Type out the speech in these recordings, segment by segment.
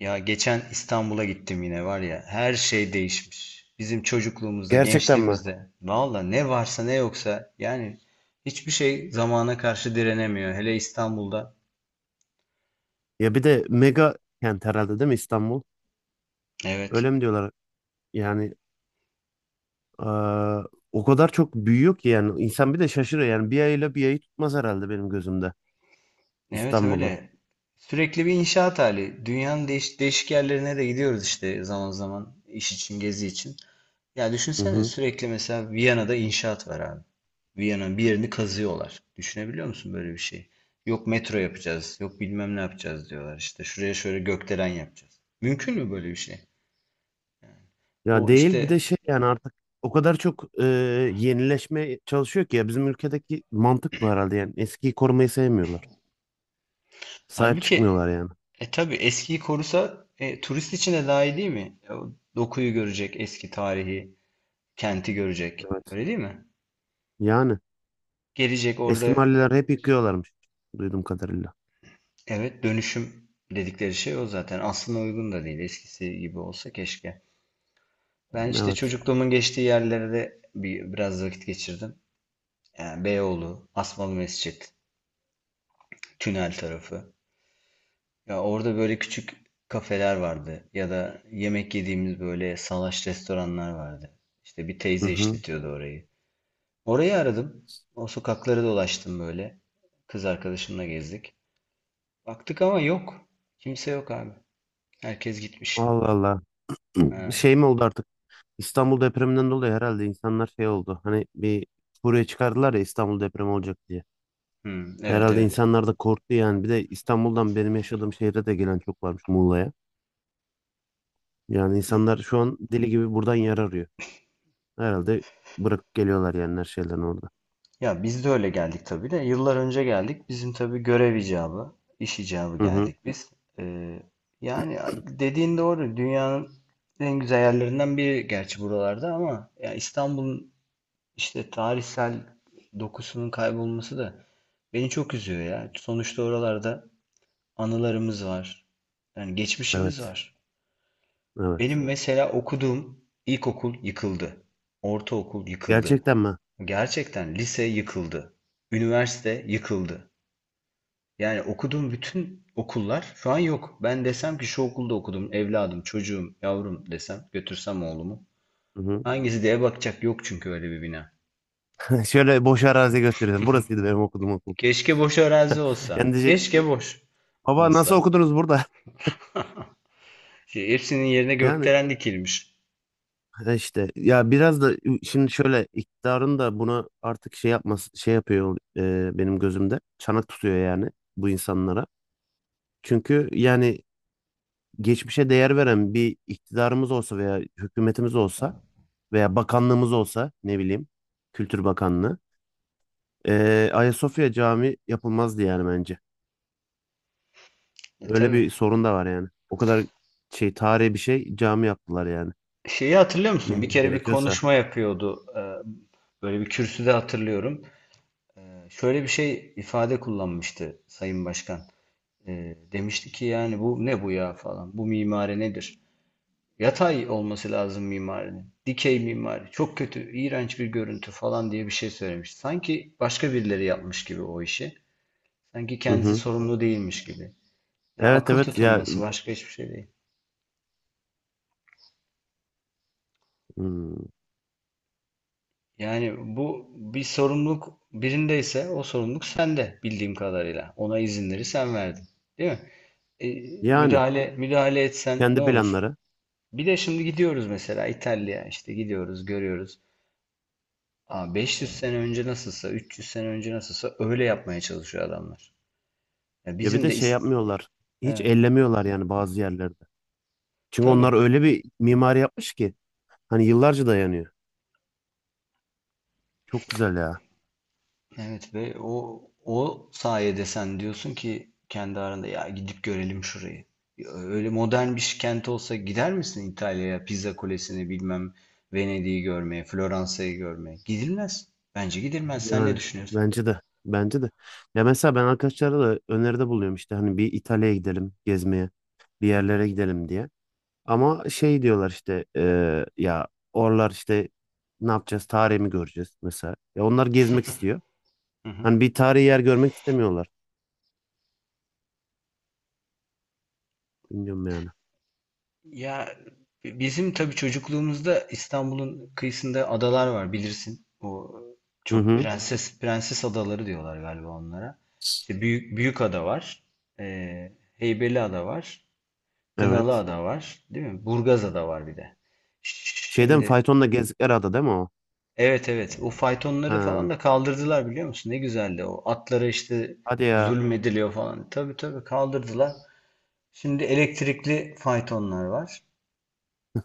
Ya geçen İstanbul'a gittim yine var ya, her şey değişmiş. Bizim çocukluğumuzda, Gerçekten mi? gençliğimizde valla ne varsa ne yoksa, yani hiçbir şey zamana karşı direnemiyor. Hele İstanbul'da. Ya bir de mega kent herhalde değil mi İstanbul? Evet. Öyle mi diyorlar? Yani eee, o kadar çok büyüyor ki yani insan bir de şaşırıyor. Yani bir ayıyla bir ayı tutmaz herhalde benim gözümde Evet, İstanbul'un. öyle. Sürekli bir inşaat hali. Dünyanın değişik yerlerine de gidiyoruz işte, zaman zaman iş için, gezi için. Ya Hı düşünsene, hı. sürekli mesela Viyana'da inşaat var abi. Viyana'nın bir yerini kazıyorlar. Düşünebiliyor musun böyle bir şey? Yok metro yapacağız, yok bilmem ne yapacağız diyorlar. İşte şuraya şöyle gökdelen yapacağız. Mümkün mü böyle bir şey? Ya O değil bir de işte, şey yani artık o kadar çok yenileşmeye çalışıyor ki ya bizim ülkedeki mantık bu herhalde yani eskiyi korumayı sevmiyorlar. Sahip halbuki çıkmıyorlar yani. Tabii eskiyi korusa, turist için de daha iyi değil mi? O dokuyu görecek, eski tarihi, kenti görecek. Evet. Öyle değil mi? Yani Gelecek eski orada, mahalleler hep yıkıyorlarmış duyduğum kadarıyla. evet, dönüşüm dedikleri şey o zaten. Aslına uygun da değil. Eskisi gibi olsa keşke. Ben işte Evet. çocukluğumun geçtiği yerlerde bir, biraz vakit geçirdim. Yani Beyoğlu, Asmalı Mescit, Tünel tarafı. Ya orada böyle küçük kafeler vardı ya da yemek yediğimiz böyle salaş restoranlar vardı. İşte bir Hı teyze hı. işletiyordu orayı. Orayı aradım. O sokakları dolaştım böyle. Kız arkadaşımla gezdik. Baktık ama yok. Kimse yok abi. Herkes gitmiş. Allah Allah. Ha. Şey mi oldu artık? İstanbul depreminden dolayı herhalde insanlar şey oldu. Hani bir buraya çıkardılar ya İstanbul depremi olacak diye. Evet, Herhalde evet. insanlar da korktu yani. Bir de İstanbul'dan benim yaşadığım şehre de gelen çok varmış Muğla'ya. Yani insanlar şu an deli gibi buradan yer arıyor. Herhalde bırakıp geliyorlar yani her şeyden orada. Ya biz de öyle geldik tabii de. Yıllar önce geldik. Bizim tabii görev icabı, iş icabı Hı hı. geldik biz. Ee, yani dediğin doğru. Dünyanın en güzel yerlerinden biri gerçi buralarda, ama ya İstanbul'un işte tarihsel dokusunun kaybolması da beni çok üzüyor ya. Sonuçta oralarda anılarımız var. Yani geçmişimiz Evet. var. Benim, Evet. evet, mesela okuduğum ilkokul yıkıldı. Ortaokul yıkıldı. Gerçekten mi? Gerçekten, lise yıkıldı. Üniversite yıkıldı. Yani okuduğum bütün okullar şu an yok. Ben desem ki şu okulda okudum, evladım, çocuğum, yavrum desem, götürsem oğlumu. Hı hı. Hangisi diye bakacak yok, çünkü öyle bir bina. Şöyle boş arazi gösteriyorum. Burasıydı benim okuduğum okul. Keşke boş arazi Yani olsa. diyecek, Keşke boş baba nasıl olsa. okudunuz burada? Şey, hepsinin yerine Yani. gökdelen dikilmiş. Ha, işte ya biraz da şimdi şöyle iktidarın da bunu artık şey yapması şey yapıyor, benim gözümde çanak tutuyor yani bu insanlara. Çünkü yani geçmişe değer veren bir iktidarımız olsa veya hükümetimiz olsa veya bakanlığımız olsa ne bileyim Kültür Bakanlığı, Ayasofya Camii yapılmazdı yani bence. E, Öyle tabii. bir sorun da var yani. O kadar şey tarihi bir şey cami yaptılar yani. Şeyi hatırlıyor musun? Bir Neyine kere bir gerekiyorsa. konuşma yapıyordu. Böyle bir kürsüde hatırlıyorum. E, şöyle bir şey ifade kullanmıştı Sayın Başkan. Demişti ki yani bu ne bu ya falan. Bu mimari nedir? Yatay olması lazım mimarinin. Dikey mimari. Çok kötü, iğrenç bir görüntü falan diye bir şey söylemiş. Sanki başka birileri yapmış gibi o işi. Sanki Hı kendisi hı. sorumlu değilmiş gibi. Ya Evet, akıl evet ya, tutulması, başka hiçbir şey değil. hmm, Yani bu bir sorumluluk birindeyse, o sorumluluk sende bildiğim kadarıyla. Ona izinleri sen verdin. Değil mi? E, yani. müdahale etsen ne Kendi olur? planları. Bir de şimdi gidiyoruz mesela İtalya'ya, işte gidiyoruz görüyoruz. Ama 500 sene önce nasılsa, 300 sene önce nasılsa öyle yapmaya çalışıyor adamlar. Ya Ya bir bizim de de şey ist, yapmıyorlar. Hiç evet, ellemiyorlar yani bazı yerlerde. Çünkü onlar tabii. öyle bir mimari yapmış ki hani yıllarca dayanıyor. Çok güzel ya. Evet, ve o sayede sen diyorsun ki kendi aranda ya gidip görelim şurayı. Ya öyle modern bir kent olsa gider misin İtalya'ya, Pizza Kulesi'ni, bilmem, Venedik'i görmeye, Floransa'yı görmeye? Gidilmez. Bence gidilmez. Sen ne Yani düşünüyorsun? bence de. Bence de. Ya mesela ben arkadaşlara da öneride buluyorum işte hani bir İtalya'ya gidelim gezmeye, bir Hı hı. yerlere gidelim diye. Ama şey diyorlar işte ya oralar işte ne yapacağız? Tarihi mi göreceğiz mesela? Ya onlar gezmek istiyor. Hı hı. Hani bir tarihi yer görmek istemiyorlar. Bilmiyorum yani. Ya bizim tabii çocukluğumuzda İstanbul'un kıyısında adalar var, bilirsin. O Hı çok, evet, hı. prenses adaları diyorlar galiba onlara. İşte büyük büyük ada var. Ee, Heybeliada var. Evet. Kınalıada var, değil mi? Burgazada var bir de. Şeyden Şimdi, faytonla gezdikleri ada değil mi o? evet, evet, o faytonları Ha. falan da kaldırdılar, biliyor musun? Ne güzeldi o. Atlara işte Hadi ya. zulmediliyor falan. Tabii, tabii, kaldırdılar. Şimdi elektrikli faytonlar var.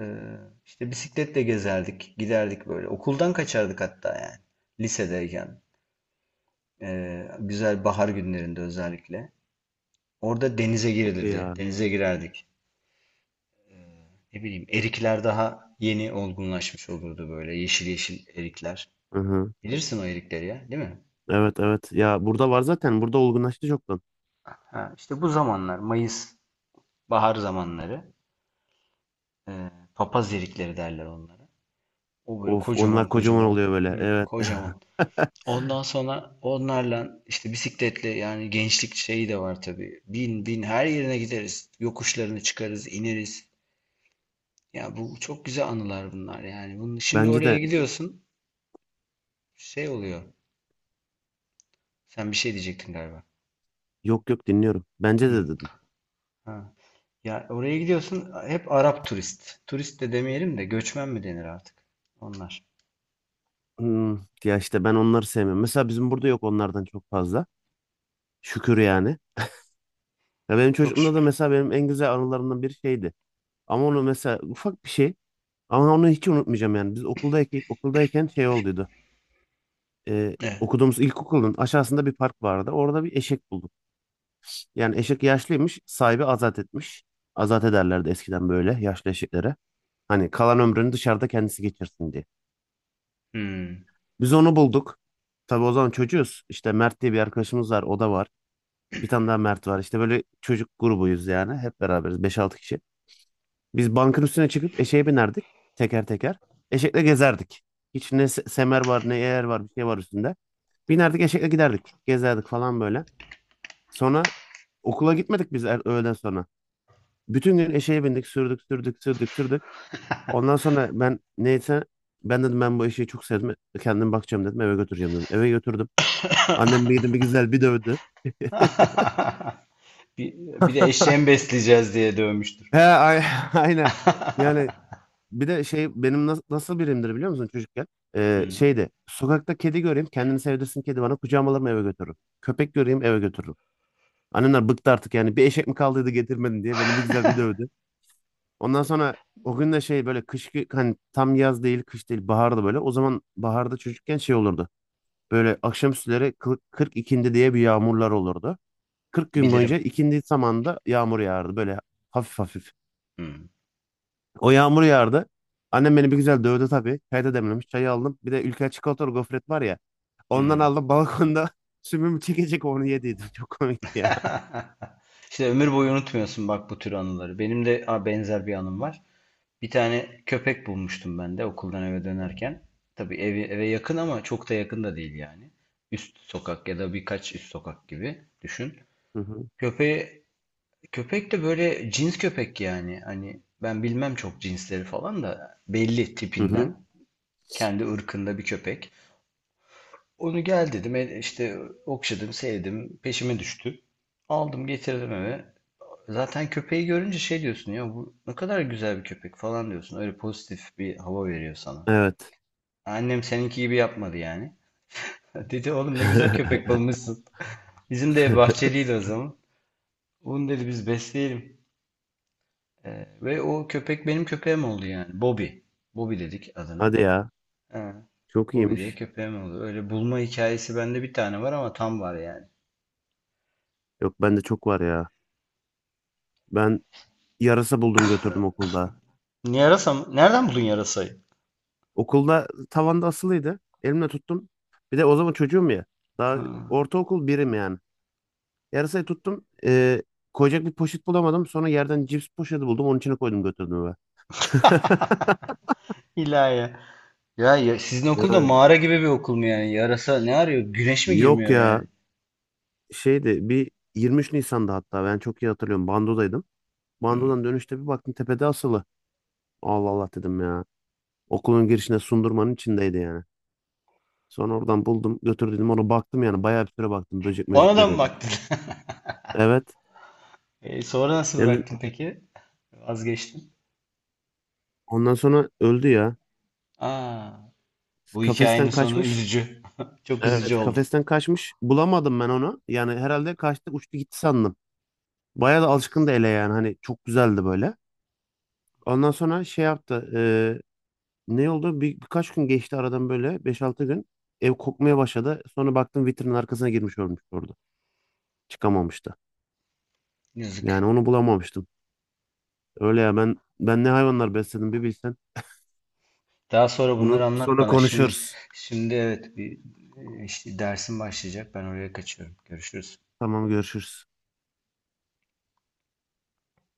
Ee, işte bisikletle gezerdik, giderdik böyle. Okuldan kaçardık hatta yani. Lisedeyken. Güzel bahar günlerinde özellikle. Orada denize Çok iyi girilirdi. ya. Denize girerdik. Ne bileyim, erikler daha yeni olgunlaşmış olurdu böyle. Yeşil yeşil erikler. Hı hı. Bilirsin o erikleri ya, değil mi? Evet, evet. Ya burada var zaten. Burada olgunlaştı çoktan. Ha, işte bu zamanlar Mayıs, bahar zamanları. Ee, papaz erikleri derler onlara. O böyle Of, onlar kocaman kocaman kocaman. oluyor böyle. Hı, Evet. kocaman. Ondan sonra onlarla işte bisikletle, yani gençlik şeyi de var tabii. Bin her yerine gideriz. Yokuşlarını çıkarız, ineriz. Ya bu çok güzel anılar bunlar yani. Bunu, şimdi Bence oraya de. gidiyorsun, şey oluyor. Sen bir şey diyecektin galiba. Yok, yok, dinliyorum. Bence Hı, de dedim. ha. Ya oraya gidiyorsun, hep Arap turist. Turist de demeyelim de göçmen mi denir artık? Onlar. Hmm, Ya işte ben onları sevmiyorum. Mesela bizim burada yok onlardan çok fazla. Şükür yani. Ya benim Çok çocukluğumda da şükür. mesela benim en güzel anılarımdan bir şeydi. Ama onu mesela ufak bir şey. Ama onu hiç unutmayacağım yani. Biz okuldayken şey olduydu. Evet. Okuduğumuz ilkokulun aşağısında bir park vardı. Orada bir eşek bulduk. Yani eşek yaşlıymış, sahibi azat etmiş. Azat ederlerdi eskiden böyle yaşlı eşeklere. Hani kalan ömrünü dışarıda kendisi geçirsin diye. Hmm. Biz onu bulduk. Tabii o zaman çocuğuz. İşte Mert diye bir arkadaşımız var, o da var. Bir tane daha Mert var. İşte böyle çocuk grubuyuz yani. Hep beraberiz, beş altı kişi. Biz bankın üstüne çıkıp eşeğe binerdik teker teker. Eşekle gezerdik. Hiç ne semer var, ne eğer var, bir şey var üstünde. Binerdik, eşekle giderdik. Gezerdik falan böyle. Sonra okula gitmedik biz öğleden sonra. Bütün gün eşeğe bindik, sürdük, sürdük, sürdük, sürdük. Ondan sonra ben, neyse, ben dedim, ben bu eşeği çok sevdim. Kendim bakacağım dedim, eve götüreceğim dedim. Eve götürdüm. Annem bir gidin bir güzel bir dövdü. Bir, bir de eşeğimi besleyeceğiz diye dövmüştür. He. Aynen. Yani bir de şey benim nasıl birimdir biliyor musun çocukken? Hmm. Şeydi, sokakta kedi göreyim kendini sevdirsin kedi bana, kucağıma alırım eve götürürüm. Köpek göreyim eve götürürüm. Annemler bıktı artık yani, bir eşek mi kaldıydı getirmedin diye beni bir güzel bir dövdü. Ondan sonra o gün de şey böyle hani tam yaz değil kış değil baharda böyle. O zaman baharda çocukken şey olurdu. Böyle akşamüstleri 40 ikindi diye bir yağmurlar olurdu. 40 gün Bilirim. boyunca ikindi zamanında yağmur yağardı böyle hafif hafif. Hmm. O yağmur yağardı. Annem beni bir güzel dövdü tabii. Çay da demlemiş. Çayı aldım. Bir de Ülker çikolatalı gofret var ya. Ondan Hmm. aldım balkonda sümüm çekecek onu yediydim. Çok komik ya. İşte ömür boyu unutmuyorsun bak bu tür anıları. Benim de a, benzer bir anım var. Bir tane köpek bulmuştum ben de okuldan eve dönerken. Tabii evi, eve yakın ama çok da yakın da değil yani. Üst sokak ya da birkaç üst sokak gibi düşün. Hı hı. Köpeği, köpek de böyle cins köpek yani. Hani ben bilmem, çok cinsleri falan da belli Hı hı. tipinden. Kendi ırkında bir köpek. Onu gel dedim, işte okşadım, sevdim, peşime düştü. Aldım, getirdim eve. Zaten köpeği görünce şey diyorsun ya, bu ne kadar güzel bir köpek falan diyorsun. Öyle pozitif bir hava veriyor sana. Evet. Annem seninki gibi yapmadı yani. Dedi oğlum ne güzel köpek bulmuşsun. Bizim de bahçeliydi o zaman. Bunu dedi biz besleyelim. Ve o köpek benim köpeğim oldu yani. Bobby. Bobby dedik adına. Hadi ya. He, Çok Bobby diye iyiymiş. köpeğim oldu. Öyle bulma hikayesi bende bir tane var ama tam var yani. Yok, bende çok var ya. Ben yarasa buldum götürdüm okulda. Yarasa mı? Nereden buldun yarasayı? Okulda tavanda asılıydı. Elimle tuttum. Bir de o zaman çocuğum ya. Daha Ha. ortaokul birim yani. Yarasayı tuttum. Koyacak bir poşet bulamadım. Sonra yerden cips poşeti buldum. Onun içine koydum götürdüm eve. İlahi. Ya, ya sizin okul da Yani mağara gibi bir okul mu yani? Yarasa ne arıyor? Güneş mi Yok girmiyor ya, yani? şeydi bir 23 Nisan'da, hatta ben çok iyi hatırlıyorum, Bando'daydım. Hmm. Bando'dan dönüşte bir baktım tepede asılı. Allah Allah dedim ya. Okulun girişine sundurmanın içindeydi yani. Sonra oradan buldum götürdüm onu, baktım yani bayağı bir süre baktım, böcek Ona möcek da mı veriyordum. baktın? Evet. E, sonra nasıl Yani bıraktın peki? Vazgeçtin. ondan sonra öldü ya. Aa, bu Kafesten hikayenin sonu kaçmış. üzücü. Çok üzücü Evet, oldu. kafesten kaçmış. Bulamadım ben onu. Yani herhalde kaçtı uçtu gitti sandım. Bayağı da alışkındı ele yani, hani çok güzeldi böyle. Ondan sonra şey yaptı. Ne oldu? Birkaç gün geçti aradan böyle beş altı gün. Ev kokmaya başladı. Sonra baktım vitrinin arkasına girmiş ölmüş orada. Çıkamamıştı. Yazık. Yani onu bulamamıştım. Öyle ya ben ne hayvanlar besledim bir bilsen. Daha sonra bunları Bunu anlat sonra bana. Şimdi, konuşuruz. şimdi evet bir, işte dersim başlayacak. Ben oraya kaçıyorum. Görüşürüz. Tamam, görüşürüz.